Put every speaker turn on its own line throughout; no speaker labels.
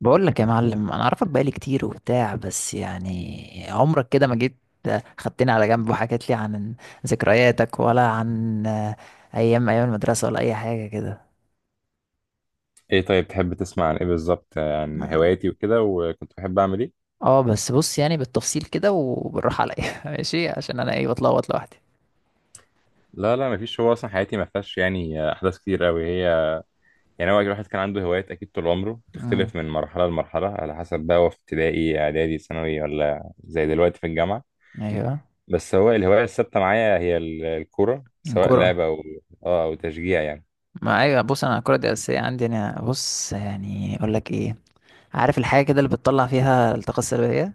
بقول لك يا معلم انا اعرفك بقالي كتير وبتاع، بس يعني عمرك كده ما جيت خدتني على جنب وحكيت لي عن ذكرياتك ولا عن ايام ايام المدرسة ولا اي حاجة كده.
ايه، طيب، تحب تسمع عن ايه بالظبط؟ عن
ما-
هواياتي وكده، وكنت بحب اعمل ايه؟
اه بس بص، يعني بالتفصيل كده وبالراحة عليا ماشي، عشان انا ايه بتلخبط لوحدي.
لا لا، مفيش. هو اصلا حياتي ما فيهاش يعني احداث كتير قوي. هي يعني هو الواحد كان عنده هوايات اكيد طول عمره،
امم
تختلف من مرحله لمرحله على حسب، بقى هو في ابتدائي، اعدادي، ثانوي، ولا زي دلوقتي في الجامعه.
ايوه.
بس هو الهوايه الثابته معايا هي الكوره سواء
الكرة.
لعبه او اه او تشجيع يعني.
ما ايوه بص، انا الكرة دي اساسية عندي. انا بص يعني اقول لك ايه، عارف الحاجة كده اللي بتطلع فيها الطاقة السلبية.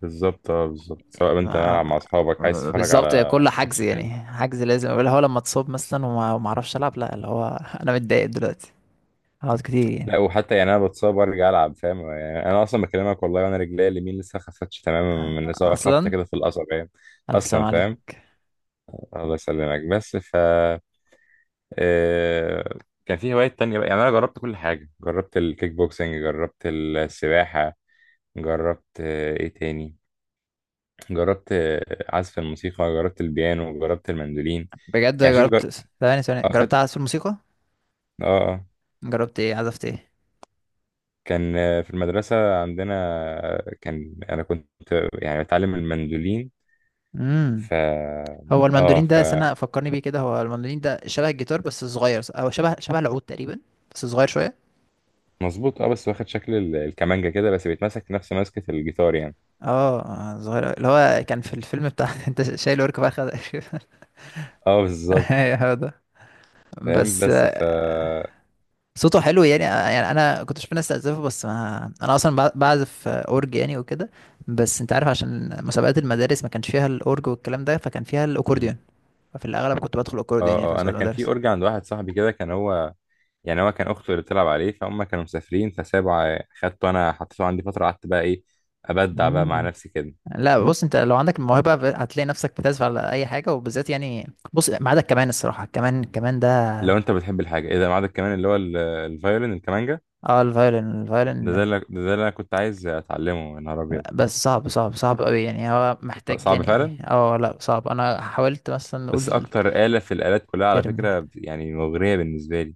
بالظبط، بالظبط، سواء انت ملعب
ما-
مع اصحابك، عايز تتفرج
بالظبط،
على
كل حجز
ماتش
يعني
حلو.
حجز لازم، اللي هو لما اتصاب مثلا وما اعرفش العب، لا اللي هو انا متضايق دلوقتي هقعد كتير يعني.
لا، وحتى يعني انا بتصاب وارجع العب، فاهم؟ يعني انا اصلا بكلمك والله وانا رجلي اليمين لسه ما خفتش تماما من اصابه، خبطه
اصلا
كده في القصبة يعني.
الف سلام
اصلا
عليك.
فاهم. الله يسلمك. بس ف آه، كان في هوايات تانية بقى. يعني انا جربت كل حاجه، جربت الكيك بوكسنج، جربت السباحه، جربت آه، ايه تاني جربت آه، عزف الموسيقى، جربت البيانو، جربت المندولين.
بجد
يعني
جربت؟ ثواني ثواني، جربت
اخدت
اعزف الموسيقى؟
اه آه.
جربت ايه، عزفت ايه؟
كان في المدرسة عندنا، آه، كان أنا كنت يعني بتعلم المندولين.
امم
ف
هو
اه
المندولين
ف
ده، سنة فكرني بيه كده، هو المندولين ده شبه الجيتار بس صغير، او شبه العود تقريبا، بس صغير شوية.
مظبوط، اه، بس واخد شكل الكمانجا كده، بس بيتمسك نفس ماسكة الجيتار يعني.
اه، صغير أوي. اللي هو كان في الفيلم بتاع انت شايل ورك فرخة ده.
اه بالظبط.
ايوه هو ده.
فاهم
بس
بس ف
صوته حلو يعني، يعني انا كنت بشوف ناس تعزفه. بس ما انا اصلا بعزف اورج يعني وكده. بس انت عارف، عشان مسابقات المدارس ما كانش فيها الاورج والكلام ده، فكان فيها
مم.
الاكورديون. ففي الاغلب كنت بدخل اكورديون
اه
يعني في
اه انا
مسابقات
كان في
المدارس.
اورج عند واحد صاحبي كده، كان هو يعني هو كان اخته اللي بتلعب عليه، فهم كانوا مسافرين فسابوا خدته انا، حطيته عندي فترة، قعدت بقى ايه، ابدع بقى مع
مم.
نفسي كده.
لا بص، انت لو عندك الموهبه هتلاقي نفسك بتعزف على اي حاجه، وبالذات يعني بص ما عدا الكمان. الصراحه الكمان ده،
لو انت بتحب الحاجة ايه ده، ما عندك كمان اللي هو الفيولين الكمانجا.
اه الفايولين
ده ده
الفايولين
اللي ده اللي انا كنت عايز اتعلمه، يا نهار ابيض.
بس صعب، صعب قوي يعني. هو محتاج
صعب
يعني،
فعلا.
اه لا صعب، انا حاولت مثلا
بس
نقول.
اكتر آلة في الآلات كلها على
ترم.
فكرة يعني مغرية بالنسبة لي،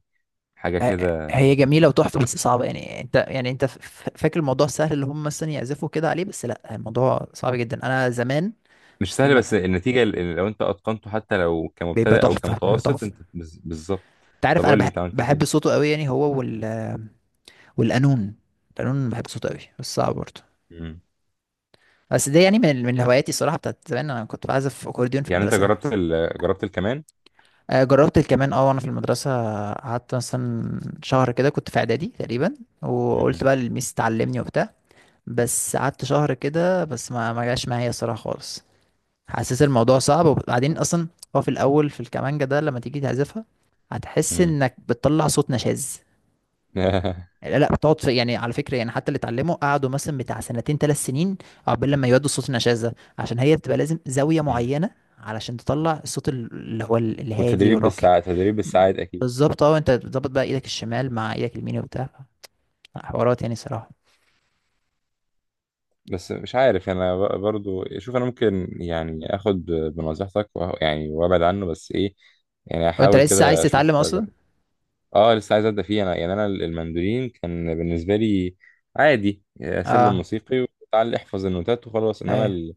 حاجة كده.
هي جميلة وتحفة بس صعبة يعني. انت يعني انت فاكر الموضوع سهل، اللي هم مثلا يعزفوا كده عليه، بس لا الموضوع صعب جدا. انا زمان
مش
في
سهلة،
الم...
بس النتيجة لو انت اتقنته حتى لو
بيبقى
كمبتدئ او
تحفة، بيبقى
كمتوسط،
تحفة.
انت بالظبط.
انت
طب
عارف انا
قول لي
بحب،
انت، عملت
بحب
فين؟
صوته قوي يعني. هو وال والقانون. القانون بحب صوته قوي بس صعب برضه.
مم.
بس ده يعني من هواياتي الصراحة بتاعت زمان. انا كنت بعزف اكورديون في
يعني انت
المدرسة.
جربت جربت الكمان؟
جربت الكمان اه وانا في المدرسة، قعدت مثلا شهر كده، كنت في اعدادي تقريبا، وقلت
مهم.
بقى للميس تعلمني وبتاع. بس قعدت شهر كده بس ما جاش معايا الصراحه خالص. حاسس الموضوع صعب، وبعدين اصلا هو في الاول، في الكمانجه ده لما تيجي تعزفها، هتحس
مم.
انك بتطلع صوت نشاز. لا لا، بتقعد في يعني، على فكره يعني، حتى اللي اتعلموا قعدوا مثلا بتاع سنتين ثلاث سنين عقبال لما يودوا الصوت النشاز ده، عشان هي بتبقى لازم زاويه
مم.
معينه علشان تطلع الصوت اللي هو الهادي
والتدريب
والراقي.
بالساعات، تدريب بالساعات اكيد.
بالظبط اه، انت بتظبط بقى ايدك الشمال مع ايدك اليمين وبتاع. حوارات يعني صراحه.
بس مش عارف انا برضو، شوف، انا ممكن يعني اخد بنصيحتك يعني وابعد عنه، بس ايه، يعني
وانت
احاول
لسه عايز
كده
تتعلم
اشوف.
اصلا؟
اه لسه عايز ابدا فيه انا. يعني انا المندولين كان بالنسبه لي عادي، سلم
اه
موسيقي وتعال احفظ النوتات وخلاص، انما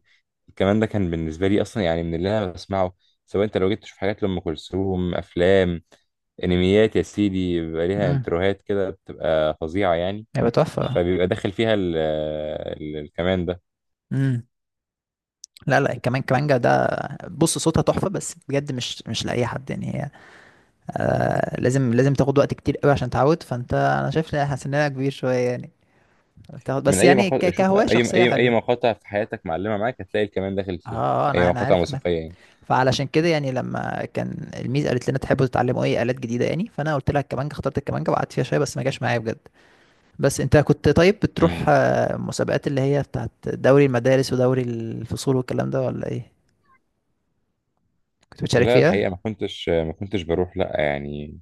الكمان ده كان بالنسبه لي اصلا يعني من اللي انا بسمعه. سواء انت لو جيت تشوف حاجات لام كلثوم، افلام، انميات يا سيدي، بيبقى ليها
ايوه.
انتروهات كده بتبقى فظيعه يعني.
هيبقى تحفة.
فبيبقى داخل فيها ال ال الكمان ده.
امم لا لا، كمان كمانجا ده، بص صوتها تحفة بس بجد مش، مش لأي حد يعني. هي آه، لازم، لازم تاخد وقت كتير قوي عشان تعود، فانت انا شايف إن سننا كبير شوية يعني. بتاخد
من
بس
اي
يعني
مقاطع، شوف،
كهواية
اي
شخصية
اي اي
حلوة.
مقاطع في حياتك معلمه معاك هتلاقي الكمان داخل
اه
فيها، اي
انا
مقاطع
عارف انا.
موسيقيه
فعلشان كده يعني، لما كان الميز قالت لنا تحبوا تتعلموا ايه آلات جديدة يعني، فانا قلت لها الكمانجا، اخترت الكمانجا وقعدت فيها شوية بس ما جاش معايا بجد. بس انت كنت طيب بتروح
يعني.
مسابقات، اللي هي بتاعت دوري المدارس ودوري الفصول والكلام ده، ولا ايه؟ كنت بتشارك
لا
فيها؟
الحقيقة، ما كنتش بروح، لا يعني.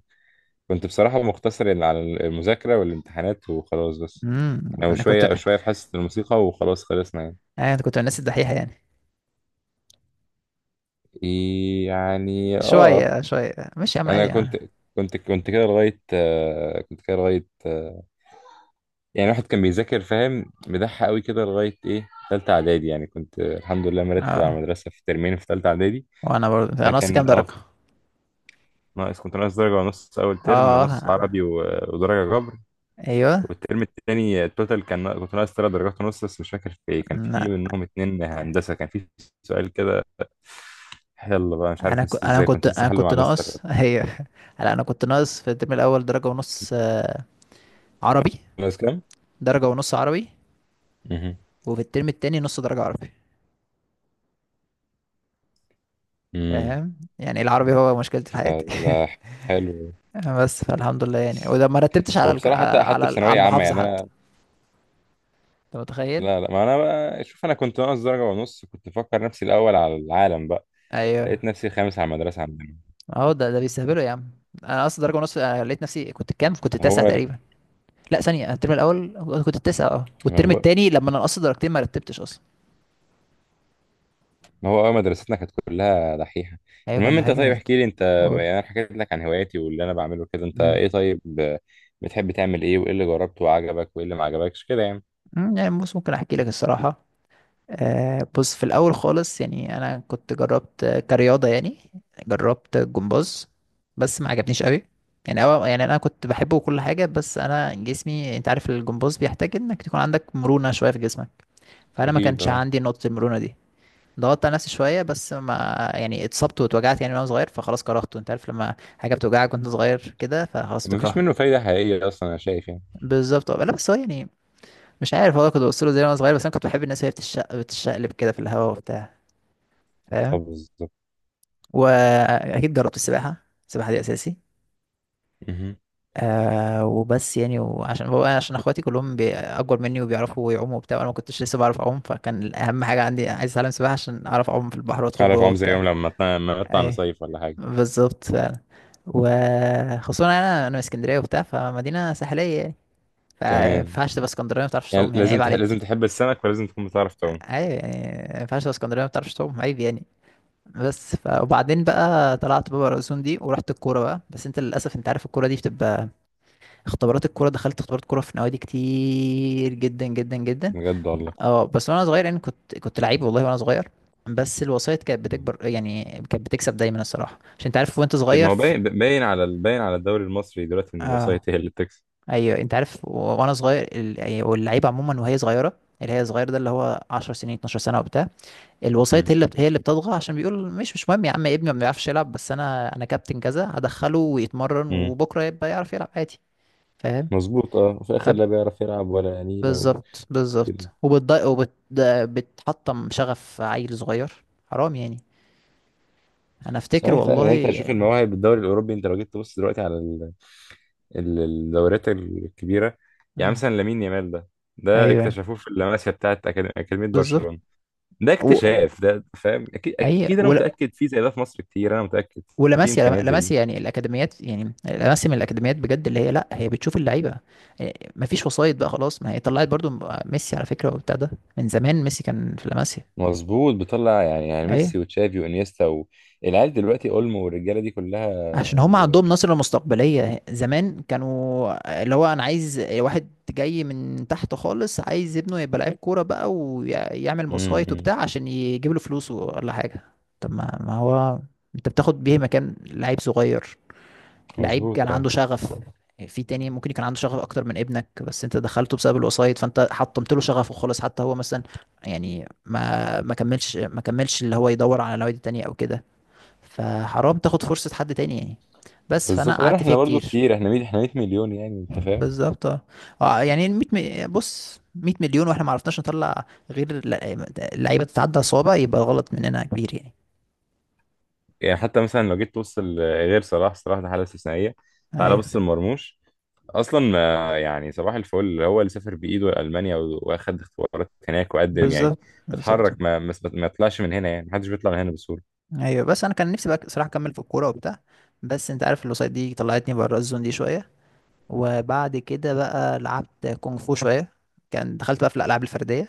كنت بصراحة مقتصر إن على المذاكرة والامتحانات وخلاص، بس يعني
انا كنت
وشوية شوية في حصة الموسيقى وخلاص، خلصنا يعني.
انا كنت من الناس الدحيحه يعني.
إيه يعني، اه.
شويه شويه، مش يا عم
انا
عادي
كنت،
يعني.
كنت كده لغاية آه، كنت كده لغاية يعني واحد كان بيذاكر، فاهم، مدح قوي كده لغاية ايه، تالتة اعدادي. يعني كنت الحمد لله مرتب على
اه.
المدرسة في ترمين في تالتة اعدادي.
وانا برضه انا ناقص
فكان
كام
اه،
درجه.
ناقص، كنت ناقص درجة ونص اول ترم، نص
اه
عربي ودرجة جبر.
ايوه.
والترم التاني التوتال كان، كنت ناقص ثلاث درجات ونص، بس مش فاكر في ايه، كان في
لا
منهم اتنين هندسة، كان في سؤال كده يلا بقى مش عارف
انا
نسيته
ك... انا
ازاي،
كنت
كنت لسه
انا
حله مع
كنت
المستر.
ناقص ايوه. لا انا كنت ناقص في الترم الاول درجه ونص، عربي.
ناقص كام؟
درجه ونص عربي.
مهم.
وفي الترم التاني نص درجه عربي.
مم.
فاهم يعني، العربي هو مشكلتي في حياتي.
فلا، حلو.
بس فالحمد لله يعني. وده ما رتبتش على
هو بصراحة حتى
على
حتى في
على
ثانوية عامة
المحافظه
يعني،
حتى.
أنا،
انت متخيل؟
لا لا، ما أنا بقى شوف، أنا كنت ناقص درجة ونص كنت بفكر نفسي الأول على العالم بقى،
ايوه.
لقيت نفسي خامس على المدرسة عندنا.
اهو ده، ده بيستهبلوا يا عم. انا اصلا درجه ونص، أنا لقيت نفسي كنت كام، كنت التاسع
هو،
تقريبا. لا ثانيه، الترم الاول كنت التاسع. اه، والترم التاني لما انا نقصت درجتين ما رتبتش اصلا.
ما هو اه، مدرستنا كانت كلها دحيحة.
ايوه، كان
المهم،
ده
انت
حاجه
طيب
جامد.
احكي لي انت.
قول.
يعني انا حكيت لك عن هواياتي واللي انا بعمله كده، انت
امم
ايه طيب، بتحب تعمل ايه، وايه اللي جربته وعجبك، وايه اللي ما عجبكش كده يعني.
يعني بص ممكن احكي لك الصراحه. آه بص في الاول خالص يعني، انا كنت جربت كرياضه يعني. جربت جمباز، بس ما عجبنيش قوي. يعني أو يعني انا كنت بحبه وكل حاجه، بس انا جسمي، انت عارف الجمباز بيحتاج انك تكون عندك مرونه شويه في جسمك، فانا ما
اكيد
كانش
اه.
عندي نقطه المرونه دي. ضغطت على نفسي شويه بس ما يعني اتصبت واتوجعت يعني وانا صغير، فخلاص كرهته. انت عارف، لما حاجه بتوجعك وانت صغير كده، فخلاص
مفيش
بتكرهها.
منه فايدة حقيقية اصلا، انا شايف يعني.
بالظبط اه. لا بس هو يعني مش عارف والله، كنت بوصله زي وانا صغير، بس انا كنت بحب الناس وهي بتشقلب كده في الهواء وبتاع.
اه
فاهم.
بالظبط.
واكيد جربت السباحه. السباحه دي اساسي.
مهم.
آه. وبس يعني، وعشان هو عشان اخواتي كلهم اكبر مني وبيعرفوا يعوموا وبتاع، وانا ما كنتش لسه بعرف اعوم، فكان اهم حاجه عندي عايز اتعلم سباحه عشان اعرف اعوم في البحر وادخل
اعرف
جوه
عم، زي
وبتاع.
يوم لما لما نطلع
اي
نصيف ولا حاجة.
بالظبط فعلا. وخصوصا انا، انا من اسكندريه وبتاع، فمدينه ساحليه يعني، فما
كمان
ينفعش تبقى اسكندريه ما بتعرفش
يعني
تعوم، يعني
لازم
عيب عليك.
لازم تحب السمك، ولازم تكون بتعرف تعوم.
عيب يعني، ما ينفعش تبقى اسكندريه ما بتعرفش تعوم، عيب يعني. وبعدين بقى طلعت بابا الأذن دي ورحت الكوره بقى. بس انت للاسف، انت عارف الكوره دي بتبقى اختبارات، الكوره دخلت اختبارات كوره في نوادي كتير جدا جدا جدا.
بجد والله.
اه بس وانا صغير يعني، كنت كنت لعيب والله وانا صغير. بس الوسائط كانت
مم.
بتكبر يعني، كانت بتكسب دايما الصراحه، عشان انت عارف وانت
اكيد، ما
صغير
هو باين باين على باين على الدوري المصري دلوقتي ان
اه
الوسائط هي اللي بتكسب.
ايوه، انت عارف وانا صغير، يعني واللعيبه عموما وهي صغيره، اللي هي صغير ده اللي هو 10 سنين 12 سنه وبتاع، الوسيط هي اللي، اللي بتضغط، عشان بيقول مش، مهم يا عم ابني ما بيعرفش يلعب، بس انا كابتن كذا، هدخله ويتمرن
مم.
وبكره يبقى يعرف يلعب عادي. فاهم.
مظبوط اه، وفي الاخر لا بيعرف يلعب ولا نيلة،
فبالظبط
وكده.
بالظبط وبتضايق وبتحطم شغف عيل صغير، حرام يعني. انا افتكر
صحيح فعلا يعني، انت
والله.
شوف المواهب بالدوري الاوروبي، انت لو جيت تبص دلوقتي على الدوريات الكبيره، يعني
مم.
مثلا لامين يامال ده، ده
ايوه
اكتشفوه في اللمسيه بتاعت اكاديميه
بالظبط.
برشلونه، ده
و...
اكتشاف ده، فاهم؟ اكيد
اي.
اكيد، انا متاكد في زي ده في مصر كتير، انا متاكد في
ولاماسيا،
امكانيات زي دي.
لاماسيا يعني الاكاديميات، يعني لاماسيا من الاكاديميات بجد، اللي هي لا هي بتشوف اللعيبه. إيه، مفيش وسايط بقى خلاص. ما هي طلعت برضو ميسي على فكره وبتاع ده، من زمان ميسي كان في لاماسيا.
مظبوط، بيطلع يعني، يعني ميسي
ايه،
وتشافي وانيستا والعيال دلوقتي اولمو والرجاله دي كلها.
عشان هم
و...
عندهم نظره مستقبليه، زمان كانوا اللي هو انا عايز واحد جاي من تحت خالص، عايز ابنه يبقى لعيب كوره بقى ويعمل
م-
وسايط
م.
وبتاع عشان يجيب له فلوس ولا حاجه. طب ما، ما هو انت بتاخد بيه مكان لعيب صغير، لعيب كان
مظبوط اه.
عنده شغف يعني. في تاني ممكن يكون عنده شغف اكتر من ابنك، بس انت دخلته بسبب الوسايط، فانت حطمت له شغفه خالص. حتى هو مثلا يعني ما كملش، ما كملش، اللي هو يدور على نوادي تانية او كده. فحرام تاخد فرصة حد تاني يعني. بس فانا
بالظبط، لا
قعدت فيها
احنا برضو
كتير.
كتير، احنا 100، احنا 100 مليون، يعني انت فاهم.
بالظبط اه يعني بص 100 مليون واحنا ما عرفناش نطلع غير لعيبة تتعدى صوابع، يبقى غلط مننا كبير يعني.
يعني حتى مثلا لو جيت تبص غير صلاح، صلاح ده حاله استثنائيه، تعال بص
ايوه
لمرموش. اصلا يعني صباح الفل، هو اللي سافر بايده لالمانيا واخد اختبارات هناك وقدم يعني،
بالظبط بالظبط.
اتحرك، ما طلعش من هنا يعني، محدش بيطلع من هنا بسهوله.
ايوه بس انا كان نفسي بقى صراحه اكمل في الكوره وبتاع، بس انت عارف الوسائط دي طلعتني بره الزون دي شويه. وبعد كده بقى لعبت كونغ فو شويه، كان دخلت بقى في الالعاب الفرديه.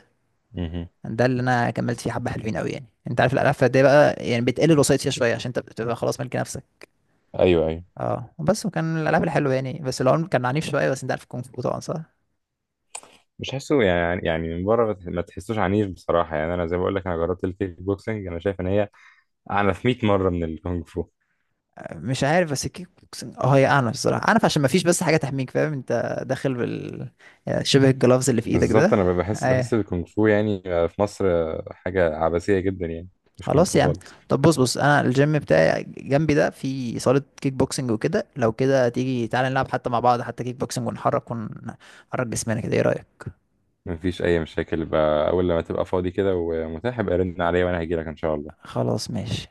مهم.
ده اللي انا كملت فيه حبه، حلوين قوي يعني. انت عارف الالعاب الفرديه بقى، يعني بتقل الوسائط فيها شويه، عشان انت بتبقى خلاص ملك نفسك.
ايوه ايوه.
اه بس، وكان الالعاب الحلوه يعني، بس العمر كان عنيف شويه. بس انت عارف الكونغ فو طبعا صح؟
مش حاسه يعني، يعني من بره ما تحسوش عنيف بصراحه، يعني انا زي ما بقول لك انا جربت الكيك بوكسنج، انا شايف ان هي اعنف 100 مره من الكونغ فو.
مش عارف، بس الكيك بوكسنج اه هي عنف الصراحه، عنف عشان ما فيش بس حاجه تحميك، فاهم، انت داخل بال، يعني شبه الجلافز اللي في ايدك
بالظبط،
ده.
انا بحس الكونغ فو يعني في مصر حاجه عبثيه جدا يعني، مش كونغ
خلاص
فو
يا عم.
خالص.
طب بص، بص انا الجيم بتاعي جنبي ده في صالة كيك بوكسنج وكده، لو كده تيجي تعالى نلعب حتى مع بعض، حتى كيك بوكسنج ونحرك، ونحرك جسمنا كده، ايه رأيك؟
مفيش اي مشاكل، بقى اول لما تبقى فاضي كده ومتاح ابقى رن عليا وانا هجيلك ان شاء الله.
خلاص ماشي.